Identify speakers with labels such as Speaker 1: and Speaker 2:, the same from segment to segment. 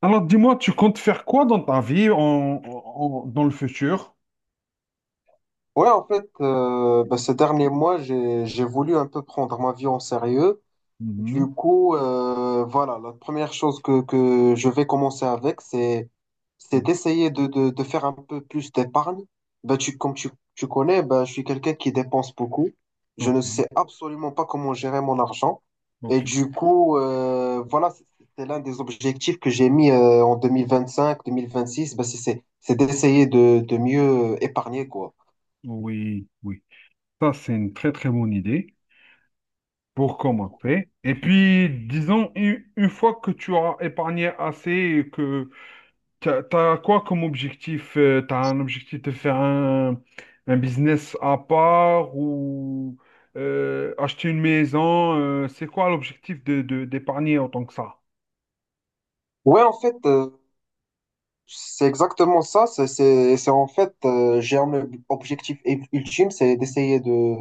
Speaker 1: Alors, dis-moi, tu comptes faire quoi dans ta vie dans le futur?
Speaker 2: Ouais, en fait, bah, ces derniers mois, j'ai voulu un peu prendre ma vie en sérieux. Du
Speaker 1: Mhm.
Speaker 2: coup, voilà, la première chose que je vais commencer avec, c'est
Speaker 1: Mhm.
Speaker 2: d'essayer de faire un peu plus d'épargne. Bah, comme tu connais, bah, je suis quelqu'un qui dépense beaucoup. Je ne
Speaker 1: Ok,
Speaker 2: sais absolument pas comment gérer mon argent. Et
Speaker 1: ok.
Speaker 2: du coup, voilà, c'est l'un des objectifs que j'ai mis en 2025, 2026, bah, c'est d'essayer de mieux épargner, quoi.
Speaker 1: Oui, oui. Ça, c'est une très, très bonne idée pour commencer. Et puis, disons, une fois que tu as épargné assez, et que tu as, quoi comme objectif? Tu as un objectif de faire un business à part ou acheter une maison? C'est quoi l'objectif d'épargner autant que ça?
Speaker 2: Ouais, en fait, c'est exactement ça. C'est en fait, j'ai un objectif ultime, c'est d'essayer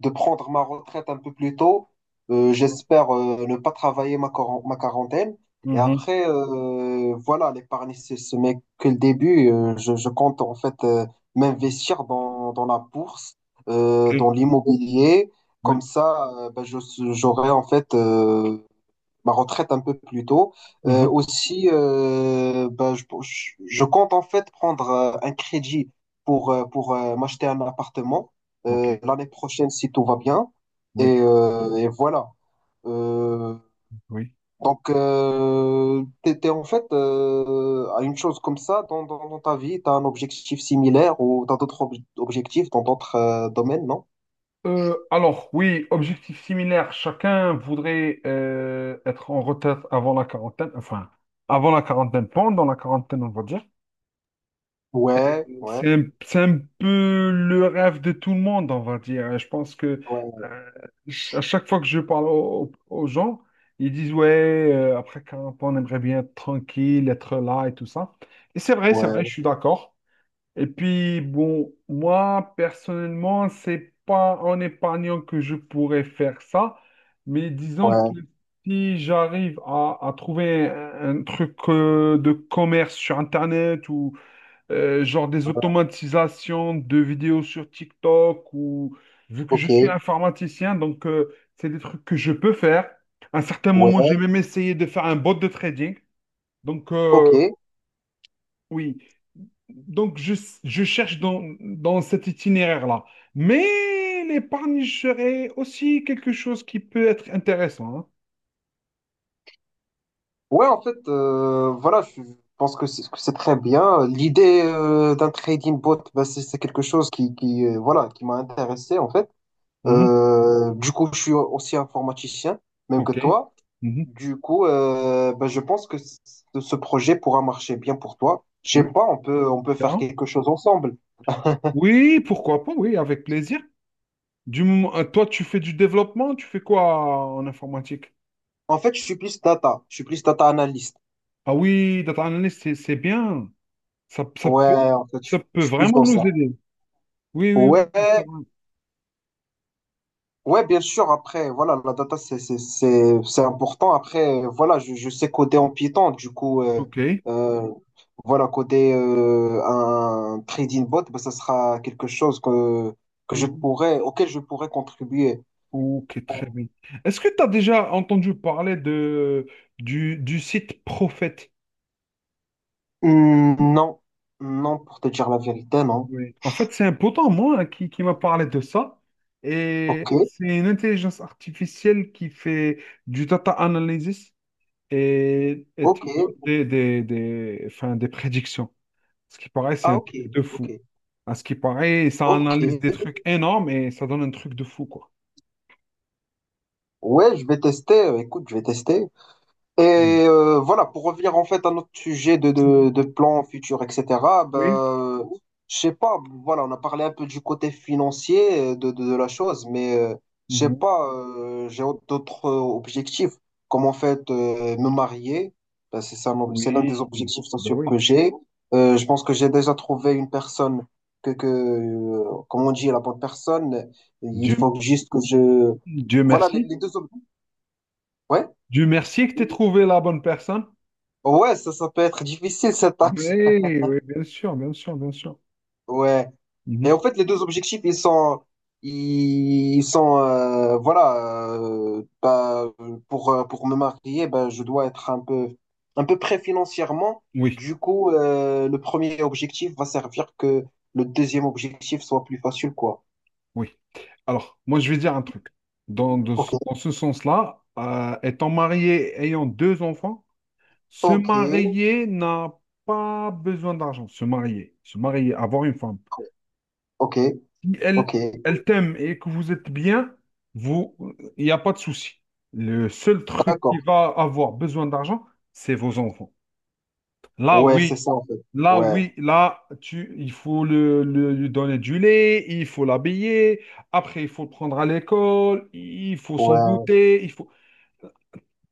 Speaker 2: de prendre ma retraite un peu plus tôt. J'espère ne pas travailler ma quarantaine. Et
Speaker 1: Mhm.
Speaker 2: après, voilà, l'épargne, c'est ce n'est que le début. Je compte en fait m'investir dans, dans la bourse,
Speaker 1: Ok,
Speaker 2: dans l'immobilier. Comme
Speaker 1: oui.
Speaker 2: ça, ben, je, j'aurai en fait ma retraite un peu plus tôt.
Speaker 1: Mhm.
Speaker 2: Aussi, ben, je compte en fait prendre un crédit pour, m'acheter un appartement
Speaker 1: Ok,
Speaker 2: l'année prochaine si tout va bien.
Speaker 1: oui,
Speaker 2: Et voilà. Euh,
Speaker 1: oui.
Speaker 2: donc, t'es en fait à une chose comme ça dans, dans, dans ta vie, t'as un objectif similaire ou t'as d'autres objectifs dans d'autres domaines, non?
Speaker 1: Alors, oui, objectif similaire. Chacun voudrait être en retraite avant la quarantaine, enfin, avant la quarantaine, pendant la quarantaine, on va dire.
Speaker 2: Ouais, ouais,
Speaker 1: C'est un peu le rêve de tout le monde, on va dire. Je pense que
Speaker 2: ouais,
Speaker 1: euh, à chaque fois que je parle aux gens, ils disent, ouais, après 40 ans, on aimerait bien être tranquille, être là et tout ça. Et c'est vrai,
Speaker 2: ouais,
Speaker 1: je suis d'accord. Et puis, bon, moi, personnellement, c'est pas en épargnant que je pourrais faire ça, mais disons que
Speaker 2: ouais,
Speaker 1: si j'arrive à trouver un truc de commerce sur Internet ou genre des automatisations de vidéos sur TikTok ou vu que je
Speaker 2: ok,
Speaker 1: suis informaticien, donc c'est des trucs que je peux faire. À un certain moment, j'ai
Speaker 2: ouais,
Speaker 1: même essayé de faire un bot de trading. Donc,
Speaker 2: ok.
Speaker 1: oui, donc je cherche dans cet itinéraire-là. Mais l'épargne serait aussi quelque chose qui peut être intéressant. Hein.
Speaker 2: Ouais, en fait, voilà, je pense que c'est très bien. L'idée d'un trading bot, ben, c'est quelque chose qui voilà, qui m'a intéressé, en fait.
Speaker 1: Mhm.
Speaker 2: Du coup, je suis aussi informaticien, même que
Speaker 1: Ok.
Speaker 2: toi.
Speaker 1: Mhm.
Speaker 2: Du coup, ben, je pense que ce projet pourra marcher bien pour toi. Je sais
Speaker 1: Oui.
Speaker 2: pas, on peut faire
Speaker 1: Bien.
Speaker 2: quelque chose ensemble.
Speaker 1: Oui, pourquoi pas, oui, avec plaisir. Du moment, toi, tu fais du développement, tu fais quoi en informatique?
Speaker 2: En fait, je suis plus data, je suis plus data analyst.
Speaker 1: Ah oui, data analyst, c'est bien. Ça, ça
Speaker 2: Ouais,
Speaker 1: peut,
Speaker 2: en fait,
Speaker 1: ça peut
Speaker 2: je suis plus
Speaker 1: vraiment
Speaker 2: dans
Speaker 1: nous
Speaker 2: ça.
Speaker 1: aider. Oui, oui,
Speaker 2: Ouais,
Speaker 1: oui, c'est vrai.
Speaker 2: ouais, bien sûr. Après, voilà, la data, c'est important. Après, voilà, je sais coder en Python. Du coup,
Speaker 1: Ok.
Speaker 2: euh, voilà, coder un trading bot, ben, ça sera quelque chose que je
Speaker 1: Mhm.
Speaker 2: pourrais, auquel je pourrais contribuer.
Speaker 1: Ok, très bien. Est-ce que tu as déjà entendu parler du site Prophète?
Speaker 2: Non, non, pour te dire la vérité, non.
Speaker 1: Oui. En fait, c'est un pote à moi hein, qui m'a parlé de ça.
Speaker 2: Ok,
Speaker 1: Et c'est une intelligence artificielle qui fait du data analysis et
Speaker 2: ok.
Speaker 1: te donne enfin, des prédictions. Ce qui paraît, c'est
Speaker 2: Ah,
Speaker 1: un
Speaker 2: ok,
Speaker 1: truc de
Speaker 2: ok,
Speaker 1: fou. À ce qui paraît, ça
Speaker 2: ok.
Speaker 1: analyse des trucs énormes et ça donne un truc de fou, quoi.
Speaker 2: Ouais, je vais tester. Écoute, je vais tester.
Speaker 1: Mm.
Speaker 2: Et voilà, pour revenir en fait à notre sujet
Speaker 1: Mhm.
Speaker 2: de plans futurs, etc.,
Speaker 1: Oui.
Speaker 2: ben, je sais pas, voilà, on a parlé un peu du côté financier de la chose, mais je sais
Speaker 1: Mhm.
Speaker 2: pas, j'ai d'autres objectifs, comme en fait me marier, ben, c'est l'un des
Speaker 1: Oui.
Speaker 2: objectifs
Speaker 1: Ben
Speaker 2: sociaux que
Speaker 1: oui.
Speaker 2: j'ai. Je pense que j'ai déjà trouvé une personne que comme on dit, la bonne personne, il
Speaker 1: Dieu
Speaker 2: faut juste que je…
Speaker 1: Dieu
Speaker 2: Voilà,
Speaker 1: merci.
Speaker 2: les deux… Ouais?
Speaker 1: Dieu merci que tu aies trouvé la bonne personne.
Speaker 2: Ouais, ça peut être difficile cette tâche.
Speaker 1: Oui, oui, bien sûr, bien sûr, bien sûr.
Speaker 2: Ouais. Et
Speaker 1: Mhm.
Speaker 2: en fait, les deux objectifs, ils sont, voilà, bah, pour me marier, bah je dois être un peu près financièrement.
Speaker 1: Oui,
Speaker 2: Du coup, le premier objectif va servir que le deuxième objectif soit plus facile, quoi.
Speaker 1: oui. Alors, moi, je vais dire un truc. Dans, de-
Speaker 2: Ok,
Speaker 1: dans ce sens-là, étant marié, ayant deux enfants, se
Speaker 2: ok,
Speaker 1: marier n'a pas besoin d'argent. Se marier, avoir une femme.
Speaker 2: ok,
Speaker 1: Si elle,
Speaker 2: ok.
Speaker 1: elle t'aime et que vous êtes bien, vous, il n'y a pas de souci. Le seul truc qui
Speaker 2: D'accord.
Speaker 1: va avoir besoin d'argent, c'est vos enfants. Là,
Speaker 2: Ouais,
Speaker 1: oui.
Speaker 2: c'est ça en fait.
Speaker 1: Là,
Speaker 2: Ouais,
Speaker 1: oui, là, il faut lui donner du lait, il faut l'habiller, après, il faut le prendre à l'école, il faut son
Speaker 2: ouais,
Speaker 1: goûter, il faut...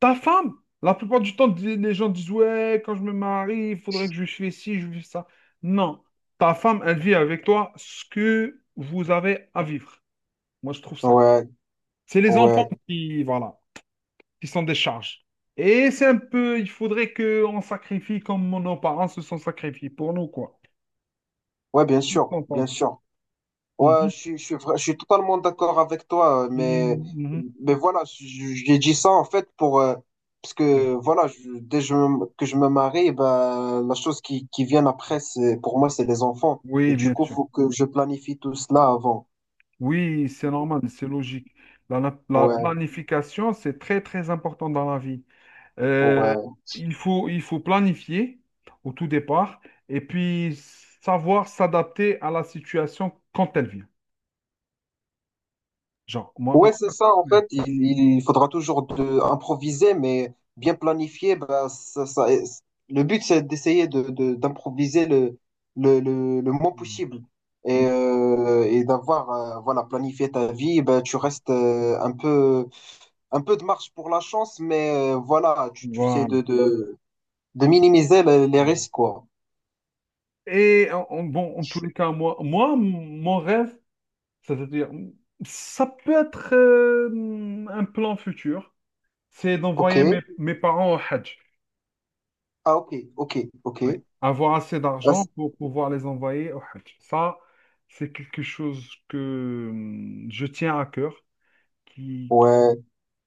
Speaker 1: Ta femme, la plupart du temps, les gens disent, ouais, quand je me marie, il faudrait que je fasse ci, je fasse ça. Non, ta femme, elle vit avec toi ce que vous avez à vivre. Moi, je trouve ça.
Speaker 2: ouais,
Speaker 1: C'est les enfants
Speaker 2: ouais,
Speaker 1: qui, voilà, qui sont des charges. Et c'est un peu, il faudrait qu'on sacrifie comme nos parents se sont sacrifiés pour nous, quoi.
Speaker 2: ouais, bien
Speaker 1: Qu'est-ce que
Speaker 2: sûr,
Speaker 1: t'en
Speaker 2: bien
Speaker 1: penses?
Speaker 2: sûr. Ouais,
Speaker 1: Mhm,
Speaker 2: je suis totalement d'accord avec toi,
Speaker 1: mhm, mhm.
Speaker 2: mais voilà, j'ai dit ça en fait pour, parce
Speaker 1: Mhm.
Speaker 2: que voilà, que je me marie, ben, la chose qui vient après, pour moi, c'est les enfants. Et
Speaker 1: Oui,
Speaker 2: du
Speaker 1: bien
Speaker 2: coup,
Speaker 1: sûr.
Speaker 2: faut que je planifie tout cela avant.
Speaker 1: Oui, c'est normal, c'est logique. La
Speaker 2: Ouais,
Speaker 1: planification, c'est très, très important dans la vie. Euh,
Speaker 2: ouais.
Speaker 1: il faut planifier au tout départ et puis savoir s'adapter à la situation quand elle vient. Genre, moi,
Speaker 2: Ouais, c'est ça. En fait, il faudra toujours improviser, mais bien planifié. Bah, le but, c'est d'essayer d'improviser le moins possible et d'avoir voilà, planifié ta vie. Bah, tu restes un peu de marge pour la chance, mais voilà, tu sais
Speaker 1: voilà.
Speaker 2: de minimiser les risques, quoi.
Speaker 1: Et bon, en tous les cas, moi mon rêve, c'est-à-dire, ça peut être un plan futur. C'est d'envoyer mes,
Speaker 2: Ok.
Speaker 1: mes parents au Hajj.
Speaker 2: Ah, ok, ok,
Speaker 1: Oui.
Speaker 2: ok.
Speaker 1: Avoir assez
Speaker 2: Ah,
Speaker 1: d'argent pour pouvoir les envoyer au Hajj. Ça, c'est quelque chose que je tiens à cœur, qui, qui,
Speaker 2: ouais.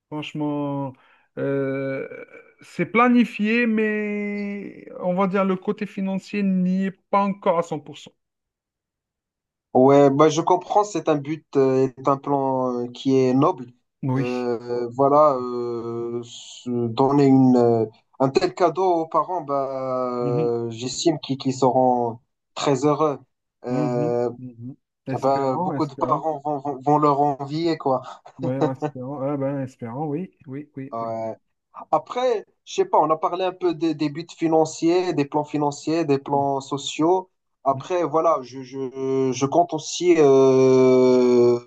Speaker 1: franchement, euh, c'est planifié, mais on va dire le côté financier n'y est pas encore à 100%.
Speaker 2: Ouais, bah je comprends, c'est un but, est un plan qui est noble.
Speaker 1: Oui.
Speaker 2: Voilà, se donner un tel cadeau aux parents, bah,
Speaker 1: Mhm.
Speaker 2: j'estime qu'ils seront très heureux.
Speaker 1: Mhm.
Speaker 2: Euh,
Speaker 1: Mhm.
Speaker 2: bah,
Speaker 1: Espérant,
Speaker 2: beaucoup de
Speaker 1: espérant.
Speaker 2: parents vont leur envier, quoi.
Speaker 1: Oui, espérant. Ah ben, espérant, oui, oui, oui, oui.
Speaker 2: Ouais. Après, je sais pas, on a parlé un peu des buts financiers, des plans sociaux.
Speaker 1: Mhm.
Speaker 2: Après, voilà, je compte aussi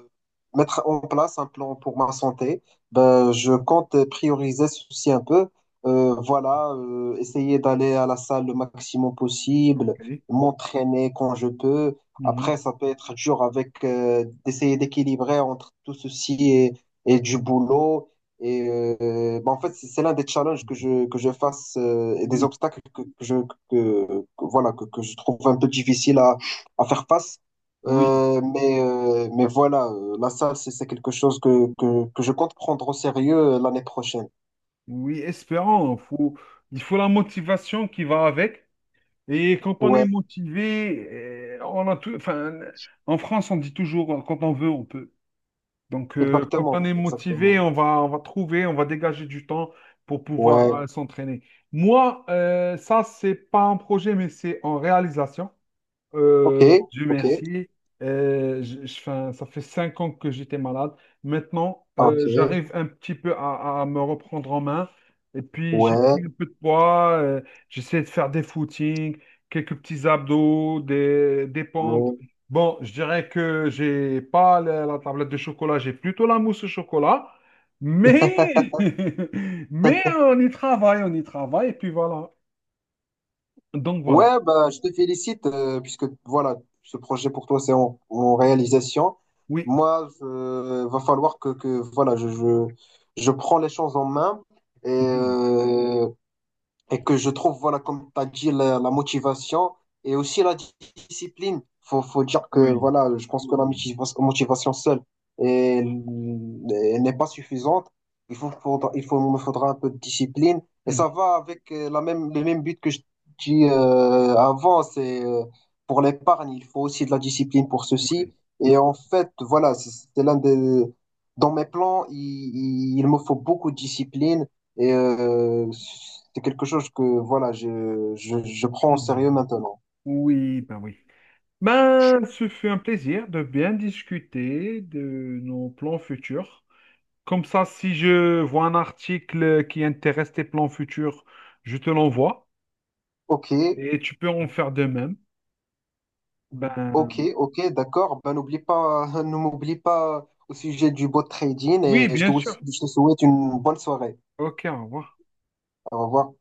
Speaker 2: mettre en place un plan pour ma santé. Ben, je compte prioriser ceci un peu. Voilà, essayer d'aller à la salle le maximum possible,
Speaker 1: OK.
Speaker 2: m'entraîner quand je peux. Après,
Speaker 1: Mhm.
Speaker 2: ça peut être dur avec d'essayer d'équilibrer entre tout ceci et du boulot. Et bah, en fait, c'est l'un des challenges que je fasse et des
Speaker 1: Oui.
Speaker 2: obstacles que je, que- voilà, que je trouve un peu difficile à faire face.
Speaker 1: Oui.
Speaker 2: Mais voilà, la salle, c'est quelque chose que je compte prendre au sérieux l'année prochaine.
Speaker 1: Oui, espérons. Il faut la motivation qui va avec. Et quand on
Speaker 2: Ouais,
Speaker 1: est motivé, eh, on a tout, enfin, en France, on dit toujours, quand on veut, on peut. Donc, quand on
Speaker 2: exactement,
Speaker 1: est motivé,
Speaker 2: exactement.
Speaker 1: on va trouver, on va dégager du temps pour
Speaker 2: Ouais,
Speaker 1: pouvoir s'entraîner. Moi, ça, c'est pas un projet, mais c'est en réalisation.
Speaker 2: ok,
Speaker 1: Dieu
Speaker 2: ok,
Speaker 1: merci. 'Fin, ça fait 5 ans que j'étais malade. Maintenant,
Speaker 2: ok,
Speaker 1: j'arrive un petit peu à me reprendre en main. Et puis, j'ai
Speaker 2: ouais,
Speaker 1: pris un peu de poids. J'essaie de faire des footings, quelques petits abdos, des pompes.
Speaker 2: ouais.
Speaker 1: Bon, je dirais que j'ai pas la tablette de chocolat, j'ai plutôt la mousse au chocolat. Mais, mais on y travaille, on y travaille. Et puis voilà. Donc voilà.
Speaker 2: Ouais, bah, je te félicite puisque voilà, ce projet pour toi c'est en, en réalisation.
Speaker 1: Oui.
Speaker 2: Moi, je, va falloir que voilà, je prends les choses en main et
Speaker 1: Mhm.
Speaker 2: euh, et que je trouve, voilà, comme tu as dit, la motivation et aussi la discipline. Faut dire que,
Speaker 1: Oui.
Speaker 2: voilà, je pense que la motivation seule elle- elle n'est pas suffisante. Il faut, faudra- il faut, me faudra un peu de discipline. Et ça
Speaker 1: Mhm.
Speaker 2: va avec le même but que je dis avant, c'est pour l'épargne, il faut aussi de la discipline pour ceci.
Speaker 1: Oui.
Speaker 2: Et en fait, voilà, c'est l'un des… Dans mes plans, il me faut beaucoup de discipline et c'est quelque chose que voilà, je prends au
Speaker 1: Mhm.
Speaker 2: sérieux maintenant.
Speaker 1: Oui. Ben, ce fut un plaisir de bien discuter de nos plans futurs. Comme ça, si je vois un article qui intéresse tes plans futurs, je te l'envoie
Speaker 2: Ok,
Speaker 1: et tu peux en faire de même.
Speaker 2: ok,
Speaker 1: Ben,
Speaker 2: ok, d'accord. Ben n'oublie pas, ne m'oublie pas au sujet du bot trading
Speaker 1: oui,
Speaker 2: et
Speaker 1: bien sûr.
Speaker 2: je te souhaite une bonne soirée.
Speaker 1: Ok, au revoir.
Speaker 2: Au revoir.